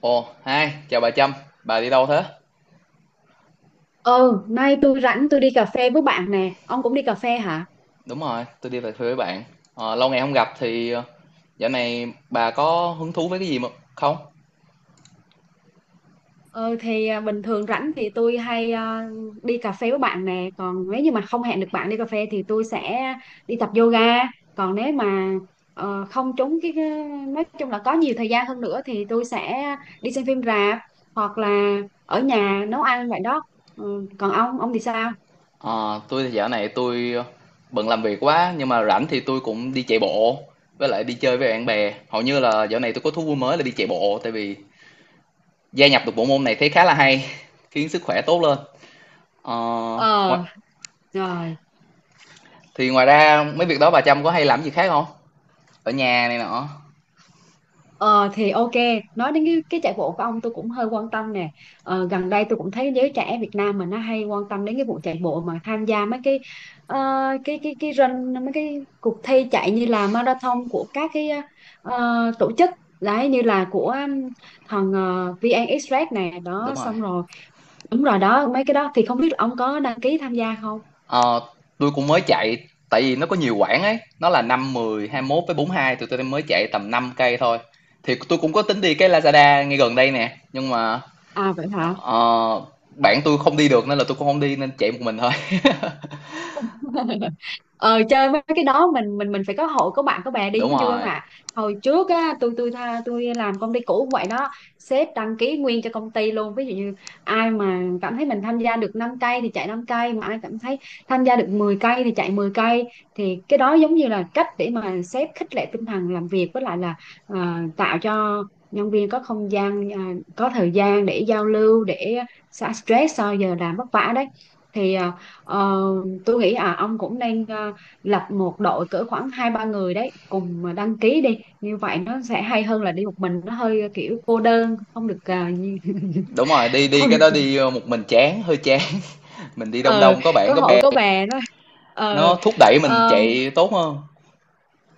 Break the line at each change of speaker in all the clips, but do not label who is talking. Ồ, hai chào bà Trâm, bà đi đâu thế?
Ừ, nay tôi rảnh tôi đi cà phê với bạn nè. Ông cũng đi cà phê hả?
Đúng rồi, tôi đi về quê với bạn. Ờ, lâu ngày không gặp thì dạo này bà có hứng thú với cái gì mà không?
Ừ thì bình thường rảnh thì tôi hay đi cà phê với bạn nè. Còn nếu như mà không hẹn được bạn đi cà phê thì tôi sẽ đi tập yoga. Còn nếu mà không trúng nói chung là có nhiều thời gian hơn nữa thì tôi sẽ đi xem phim rạp hoặc là ở nhà nấu ăn vậy đó. Ừ, còn ông thì sao?
Ờ, tôi thì dạo này bận làm việc quá nhưng mà rảnh thì tôi cũng đi chạy bộ với lại đi chơi với bạn bè. Hầu như là dạo này tôi có thú vui mới là đi chạy bộ tại vì gia nhập được bộ môn này thấy khá là hay, khiến sức khỏe tốt lên. Ờ,
Ờ,
ngoa-
rồi.
thì ngoài ra mấy việc đó bà Trâm có hay làm gì khác không? Ở nhà này nọ.
Ờ thì ok, nói đến cái chạy bộ của ông tôi cũng hơi quan tâm nè. Ờ, gần đây tôi cũng thấy giới trẻ Việt Nam mình nó hay quan tâm đến cái vụ chạy bộ mà tham gia mấy cái ờ, cái run mấy cái cuộc thi chạy như là marathon của các cái tổ chức đấy, như là của thằng VN Express này đó,
Đúng rồi.
xong rồi đúng rồi đó, mấy cái đó thì không biết là ông có đăng ký tham gia không?
Ờ, tôi cũng mới chạy tại vì nó có nhiều quãng ấy, nó là năm mười hai mốt với bốn hai, tụi tôi mới chạy tầm 5 cây thôi, thì tôi cũng có tính đi cái Lazada ngay gần đây nè nhưng mà
À vậy hả?
ờ, bạn tôi không đi được nên là tôi cũng không đi nên chạy một mình thôi.
Ờ Chơi mấy cái đó mình phải có hội có bạn có bè đi
Đúng
mới vui, không
rồi.
ạ. Hồi trước á, tôi làm công ty cũ cũng vậy đó, sếp đăng ký nguyên cho công ty luôn, ví dụ như ai mà cảm thấy mình tham gia được 5 cây thì chạy 5 cây, mà ai cảm thấy tham gia được 10 cây thì chạy 10 cây. Thì cái đó giống như là cách để mà sếp khích lệ tinh thần làm việc, với lại là tạo cho nhân viên có không gian, có thời gian để giao lưu, để xả stress sau giờ làm vất vả đấy. Thì ờ, tôi nghĩ ông cũng nên lập một đội cỡ khoảng hai ba người đấy cùng mà đăng ký đi, như vậy nó sẽ hay hơn là đi một mình, nó hơi kiểu cô đơn, không được
Đúng rồi, đi đi,
không
cái
được.
đó đi ờ, một mình chán, hơi chán. Mình đi đông
ờ
đông có bạn
có
có
hội
bè,
có bè đó. ờ
nó thúc đẩy mình
ờ,
chạy tốt hơn.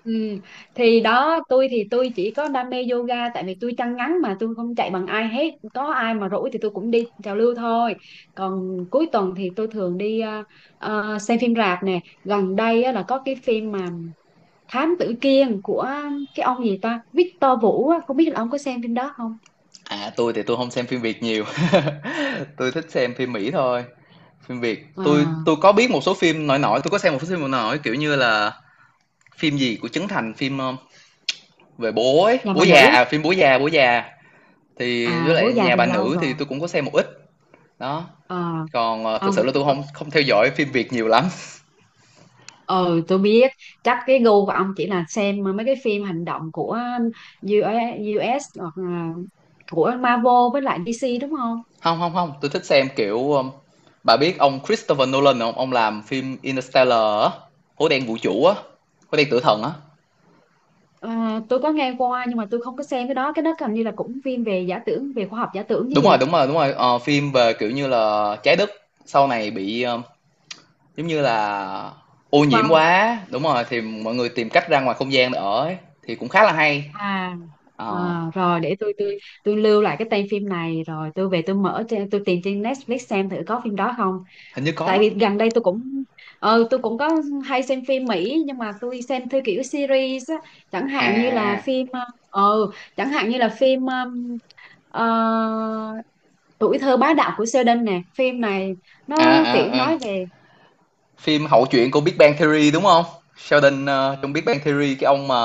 ừm. Thì đó, tôi thì tôi chỉ có đam mê yoga, tại vì tôi chân ngắn mà tôi không chạy bằng ai hết, có ai mà rỗi thì tôi cũng đi trào lưu thôi. Còn cuối tuần thì tôi thường đi xem phim rạp nè. Gần đây á, là có cái phim mà Thám tử Kiên của cái ông gì ta, Victor Vũ á, không biết là ông có xem phim đó không.
À, tôi thì tôi không xem phim Việt nhiều. Tôi thích xem phim Mỹ thôi. Phim Việt, tôi
à,
tôi có biết một số phim nổi nổi, tôi có xem một số phim nổi nổi, kiểu như là phim gì của Trấn Thành, phim, về bố ấy,
Nhà
Bố
Bà
Già,
Nữ.
à, phim Bố Già, Bố Già, thì với
À, Bố
lại
Già
Nhà
thì
Bà
lâu
Nữ thì
rồi.
tôi cũng có xem một ít, đó.
À,
Còn, ờ, thực sự là
ông,
tôi không không theo dõi phim Việt nhiều lắm.
ờ tôi biết, chắc cái gu của ông chỉ là xem mấy cái phim hành động của u US hoặc là của Marvel với lại DC đúng không.
không không không tôi thích xem, kiểu, bà biết ông Christopher Nolan hông? Ông làm phim Interstellar á, Hố Đen Vũ Trụ á, Hố Đen Tử Thần á.
À, tôi có nghe qua nhưng mà tôi không có xem cái đó, cái đó hình như là cũng phim về giả tưởng, về khoa học giả tưởng chứ
Đúng rồi,
gì.
đúng rồi, đúng rồi, ờ, phim về, kiểu như là, Trái Đất sau này bị, ờ, giống như là ô
Diệt
nhiễm
vong.
quá, đúng rồi, thì mọi người tìm cách ra ngoài không gian để ở ấy, thì cũng khá là hay.
À. ờ
Ờ,
Rồi, để tôi lưu lại cái tên phim này, rồi tôi về tôi mở trên, tôi tìm trên Netflix xem thử có phim đó không.
hình như
Tại
có.
vì gần đây tôi cũng tôi cũng có hay xem phim Mỹ, nhưng mà tôi xem theo kiểu series á, chẳng
À,
hạn như là
à,
phim ờ ờ, chẳng hạn như là phim ờ, Tuổi Thơ Bá Đạo Của Sheldon nè, phim này
à,
nó kiểu
à, à, ừ.
nói về
Phim hậu truyện của Big Bang Theory đúng không? Sheldon ờ, trong Big Bang Theory cái ông mà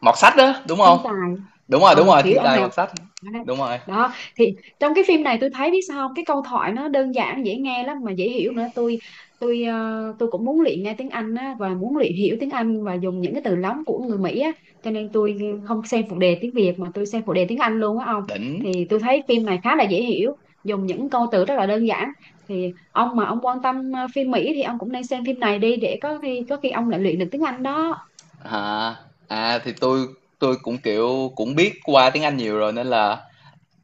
mọt sách đó, đúng không?
thiên tài,
Đúng rồi,
kiểu
thiên
ông
tài
này, ông
mọt sách.
này.
Đúng rồi,
Đó, thì trong cái phim này tôi thấy, biết sao không, cái câu thoại nó đơn giản dễ nghe lắm mà dễ hiểu nữa, tôi cũng muốn luyện nghe tiếng Anh á, và muốn luyện hiểu tiếng Anh và dùng những cái từ lóng của người Mỹ á, cho nên tôi không xem phụ đề tiếng Việt mà tôi xem phụ đề tiếng Anh luôn á ông.
đỉnh.
Thì tôi thấy phim này khá là dễ hiểu, dùng những câu từ rất là đơn giản, thì ông mà ông quan tâm phim Mỹ thì ông cũng nên xem phim này đi, để có khi ông lại luyện được tiếng Anh đó.
À, à thì tôi, cũng kiểu cũng biết qua tiếng Anh nhiều rồi nên là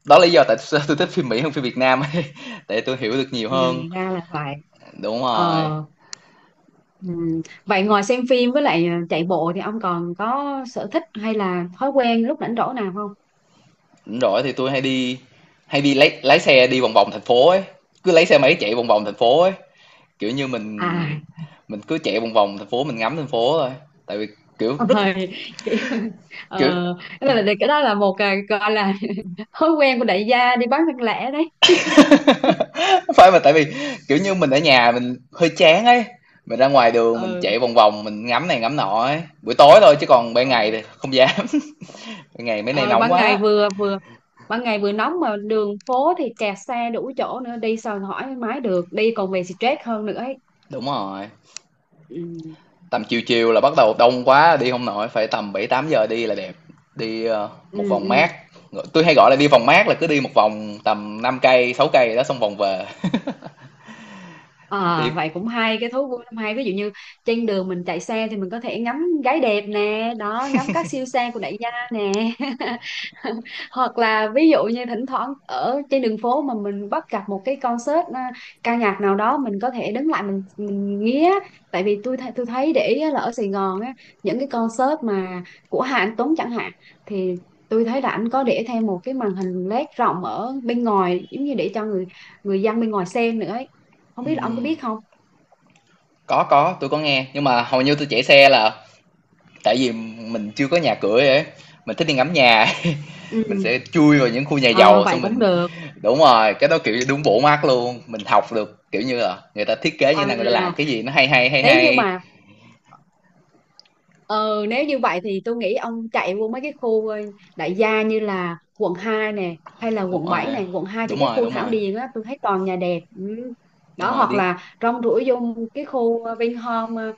đó là lý do tại sao tôi thích phim Mỹ hơn phim Việt Nam ấy. Tại tôi hiểu được nhiều
À,
hơn.
ra là vậy.
Đúng rồi.
Ờ. Ừ. Vậy ngoài xem phim với lại chạy bộ thì ông còn có sở thích hay là thói quen lúc rảnh rỗi nào không?
Đúng rồi, thì tôi hay đi, hay đi lấy lái xe đi vòng vòng thành phố ấy, cứ lấy xe máy chạy vòng vòng thành phố ấy, kiểu như
À,
mình mình cứ chạy vòng vòng thành phố, mình ngắm thành phố thôi, tại vì kiểu
ông
rất
ơi, kiểu,
kiểu
ờ, cái đó là một gọi là thói quen của đại gia đi bán thân lẻ đấy.
phải mà, tại vì kiểu như mình ở nhà mình hơi chán ấy, mình ra ngoài đường mình
Ừ,
chạy vòng vòng mình ngắm này ngắm nọ ấy, buổi tối thôi chứ còn ban ngày
ừ.
thì không dám. Ban ngày mấy nay
Ờ,
nóng quá.
ban ngày vừa nóng mà đường phố thì kẹt xe đủ chỗ nữa, đi sao hỏi mái được, đi còn về stress hơn nữa ấy.
Đúng rồi,
Ừ.
tầm chiều chiều là bắt đầu đông quá đi không nổi, phải tầm 7 8 giờ đi là đẹp. Đi ờ, một
Ừ,
vòng
ừ.
mát, tôi hay gọi là đi vòng mát là cứ đi một vòng tầm 5 cây 6 cây đó xong vòng về.
À,
Đi
vậy cũng hay cái thú vui, năm hay ví dụ như trên đường mình chạy xe thì mình có thể ngắm gái đẹp nè đó, ngắm các siêu xe của đại gia nè, hoặc là ví dụ như thỉnh thoảng ở trên đường phố mà mình bắt gặp một cái concert ca nhạc nào đó, mình có thể đứng lại mình nghe. Tại vì tôi thấy để ý á, là ở Sài Gòn á, những cái concert mà của Hà Anh Tuấn chẳng hạn, thì tôi thấy là anh có để thêm một cái màn hình LED rộng ở bên ngoài, giống như để cho người người dân bên ngoài xem nữa ấy, không biết là ông có
ừm,
biết không.
có, tôi có nghe nhưng mà hầu như tôi chạy xe là tại vì mình chưa có nhà cửa ấy, mình thích đi ngắm nhà. Mình
Ừ.
sẽ chui vào những khu nhà
Ờ,
giàu
vậy
xong
cũng
mình
được.
đúng rồi cái đó kiểu như đúng bộ mắt luôn, mình học được kiểu như là người ta thiết kế như thế nào, người ta làm
À,
cái gì, nó hay hay hay
nếu như
hay
mà ờ, nếu như vậy thì tôi nghĩ ông chạy vô mấy cái khu đại gia, như là quận 2 nè, hay là
đúng
quận 7
rồi,
này. Quận hai thì
đúng
cái
rồi,
khu
đúng
Thảo
rồi,
Điền á, tôi thấy toàn nhà đẹp. Ừ.
đúng
Đó,
rồi
hoặc
đi.
là rong ruổi vô cái khu Vinhome,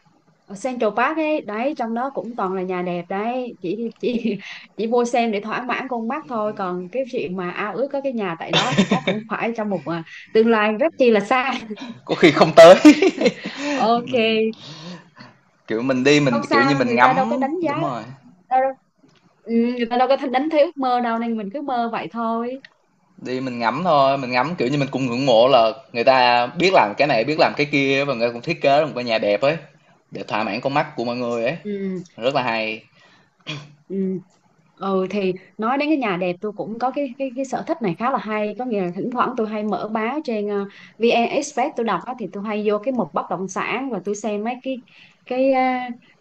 ở Central Park ấy đấy, trong đó cũng toàn là nhà đẹp đấy, chỉ chỉ mua xem để thỏa mãn con mắt thôi, còn cái chuyện mà ao ước có cái nhà tại đó thì chắc cũng phải trong một tương lai rất chi là xa.
Có khi không tới. Mình,
Ok,
kiểu, mình đi mình,
không
kiểu như,
sao,
mình
người ta đâu có
ngắm
đánh giá
đúng rồi,
đâu, đâu. Ừ, người ta đâu có đánh, thấy ước mơ đâu, nên mình cứ mơ vậy thôi.
đi mình ngắm thôi, mình ngắm, kiểu như, mình cũng ngưỡng mộ là người ta biết làm cái này, biết làm cái kia và người ta cũng thiết kế ra một cái nhà đẹp ấy, để thỏa mãn con mắt của mọi người ấy,
Ừ.
rất là hay.
Ừ. Ừ, thì nói đến cái nhà đẹp, tôi cũng có cái sở thích này khá là hay, có nghĩa là thỉnh thoảng tôi hay mở báo trên VN Express tôi đọc á, thì tôi hay vô cái mục bất động sản, và tôi xem mấy cái cái ờ,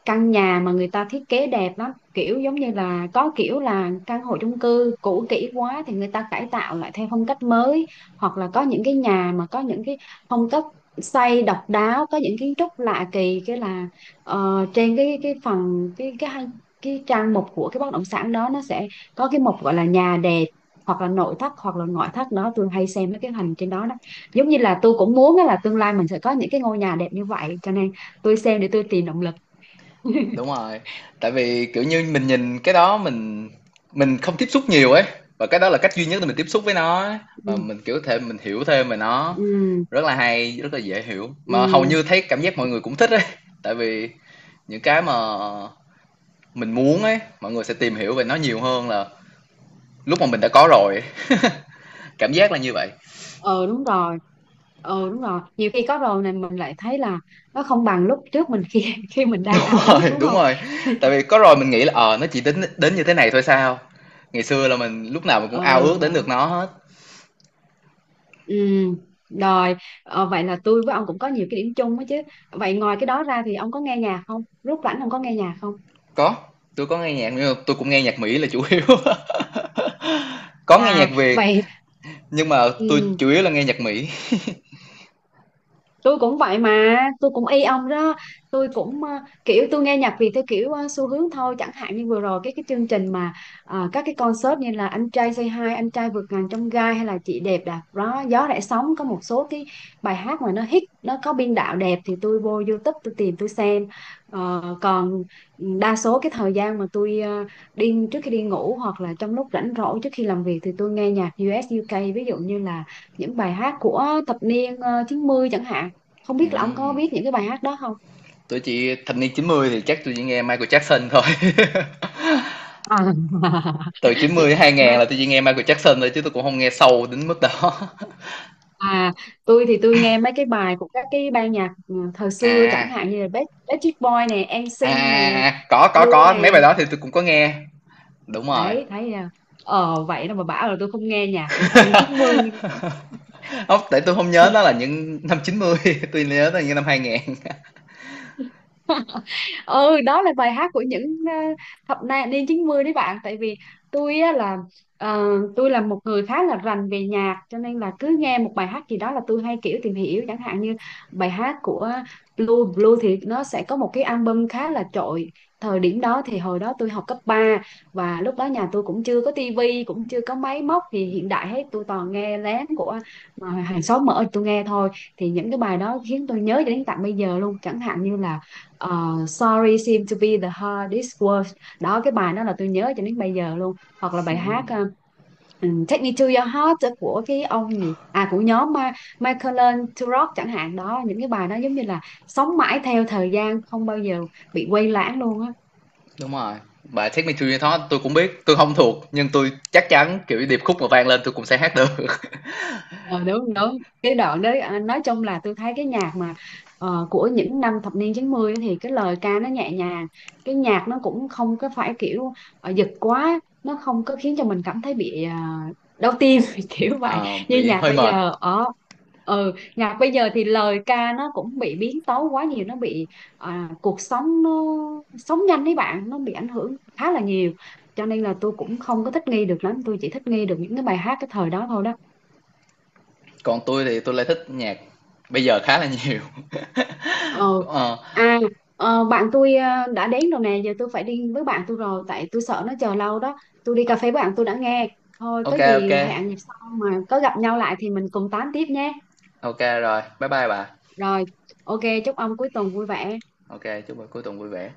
căn nhà mà người ta thiết kế đẹp lắm, kiểu giống như là có kiểu là căn hộ chung cư cũ kỹ quá thì người ta cải tạo lại theo phong cách mới, hoặc là có những cái nhà mà có những cái phong cách xây độc đáo, có những kiến trúc lạ kỳ, cái là trên cái phần cái trang mục của cái bất động sản đó, nó sẽ có cái mục gọi là nhà đẹp, hoặc là nội thất hoặc là ngoại thất đó, tôi hay xem mấy cái hình trên đó đó, giống như là tôi cũng muốn á, là tương lai mình sẽ có những cái ngôi nhà đẹp như vậy, cho nên tôi xem để tôi tìm động lực.
Đúng rồi, tại vì, kiểu như, mình nhìn cái đó mình không tiếp xúc nhiều ấy, và cái đó là cách duy nhất để mình tiếp xúc với nó ấy,
Ừ,
và mình, kiểu, thể mình hiểu thêm về nó.
ừ,
Rất là hay, rất là dễ hiểu,
ừ.
mà hầu như thấy cảm giác mọi người cũng thích ấy, tại vì những cái mà mình muốn ấy mọi người sẽ tìm hiểu về nó nhiều hơn là lúc mà mình đã có rồi, cảm giác là như vậy.
Ờ Đúng rồi. Đúng rồi, nhiều khi có rồi này mình lại thấy là nó không bằng lúc trước mình, khi khi mình đang
Đúng
ao ước,
rồi,
đúng
đúng
không.
rồi, tại vì có rồi mình nghĩ là ờ à, nó chỉ đến đến như thế này thôi sao, ngày xưa là mình lúc nào mình cũng ao
Ờ
ước đến được
Đó.
nó hết.
Ừ, rồi, vậy là tôi với ông cũng có nhiều cái điểm chung đó chứ. Vậy ngoài cái đó ra thì ông có nghe nhạc không? Rút rảnh ông có nghe nhạc không?
Có, tôi có nghe nhạc nhưng mà tôi cũng nghe nhạc Mỹ là chủ yếu, có nghe nhạc
À,
Việt
vậy.
nhưng mà
Ừ,
tôi chủ yếu là nghe nhạc Mỹ.
tôi cũng vậy mà, tôi cũng y ông đó, tôi cũng kiểu tôi nghe nhạc Việt theo kiểu xu hướng thôi, chẳng hạn như vừa rồi cái chương trình mà các cái concert như là Anh Trai Say Hi, Anh Trai Vượt Ngàn Chông Gai, hay là Chị Đẹp Đạp gió gió Rẽ Sóng, có một số cái bài hát mà nó hit, nó có biên đạo đẹp, thì tôi vô YouTube tôi tìm tôi xem. Ờ, còn đa số cái thời gian mà tôi đi trước khi đi ngủ, hoặc là trong lúc rảnh rỗi trước khi làm việc, thì tôi nghe nhạc US UK, ví dụ như là những bài hát của thập niên 90 chẳng hạn, không biết là ông có
Ừm,
biết những cái bài hát đó không.
tôi chỉ thập niên 90 thì chắc tôi chỉ nghe Michael Jackson thôi.
à,
Từ 90 đến 2000
mà
là tôi chỉ nghe Michael Jackson thôi chứ tôi cũng không nghe sâu đến mức đó.
à, tôi thì tôi nghe mấy cái bài của các cái ban nhạc thời xưa,
À à,
chẳng hạn như là Backstreet Boy nè, en
à,
sinh nè,
à. Có
Blue
có mấy
nè,
bài đó thì tôi cũng có nghe đúng rồi.
đấy thấy chưa? Vậy đâu mà bảo là tôi không nghe nhạc của thập niên 90.
Không tại tôi không nhớ nó là những năm 90, tôi nhớ nó là những năm 2000.
Ừ, đó là bài hát của những ờ, niên 90 đấy bạn, tại vì tôi á là ờ, tôi là một người khá là rành về nhạc, cho nên là cứ nghe một bài hát gì đó là tôi hay kiểu tìm hiểu, chẳng hạn như bài hát của Blue Blue thì nó sẽ có một cái album khá là trội thời điểm đó. Thì hồi đó tôi học cấp ba, và lúc đó nhà tôi cũng chưa có tivi, cũng chưa có máy móc thì hiện đại hết, tôi toàn nghe lén của mà hàng xóm mở tôi nghe thôi, thì những cái bài đó khiến tôi nhớ cho đến tận bây giờ luôn, chẳng hạn như là ờ, Sorry Seem to Be the Hardest Word đó, cái bài đó là tôi nhớ cho đến bây giờ luôn, hoặc là
Ừ,
bài hát Take Me to Your Heart của cái ông gì của nhóm Michael Turok chẳng hạn đó, những cái bài đó giống như là sống mãi theo thời gian, không bao giờ bị quay lãng luôn á.
đúng rồi, bài Take Me To Your Thought tôi cũng biết, tôi không thuộc nhưng tôi chắc chắn kiểu điệp khúc mà vang lên tôi cũng sẽ hát được.
Ờ, đúng đúng cái đoạn đấy. À, nói chung là tôi thấy cái nhạc mà của những năm thập niên 90 ấy thì cái lời ca nó nhẹ nhàng, cái nhạc nó cũng không có phải kiểu giật quá, nó không có khiến cho mình cảm thấy bị đau tim kiểu vậy
Ờ,
như
bị
nhạc
hơi
bây
mệt.
giờ. Ở ừ Nhạc bây giờ thì lời ca nó cũng bị biến tấu quá nhiều, nó bị cuộc sống nó sống nhanh đấy bạn, nó bị ảnh hưởng khá là nhiều, cho nên là tôi cũng không có thích nghi được lắm, tôi chỉ thích nghi được những cái bài hát cái thời đó thôi đó.
Còn tôi thì tôi lại thích nhạc bây giờ khá là nhiều.
Ờ. à, Bạn tôi đã đến rồi nè, giờ tôi phải đi với bạn tôi rồi, tại tôi sợ nó chờ lâu đó. Tôi đi
Ờ,
cà phê với bạn tôi đã nghe. Thôi, có
OK, OK,
gì hẹn dịp sau mà có gặp nhau lại thì mình cùng tám tiếp nhé.
OK rồi. Bye bye bà.
Rồi, ok, chúc ông cuối tuần vui vẻ.
OK, chúc buổi cuối tuần vui vẻ.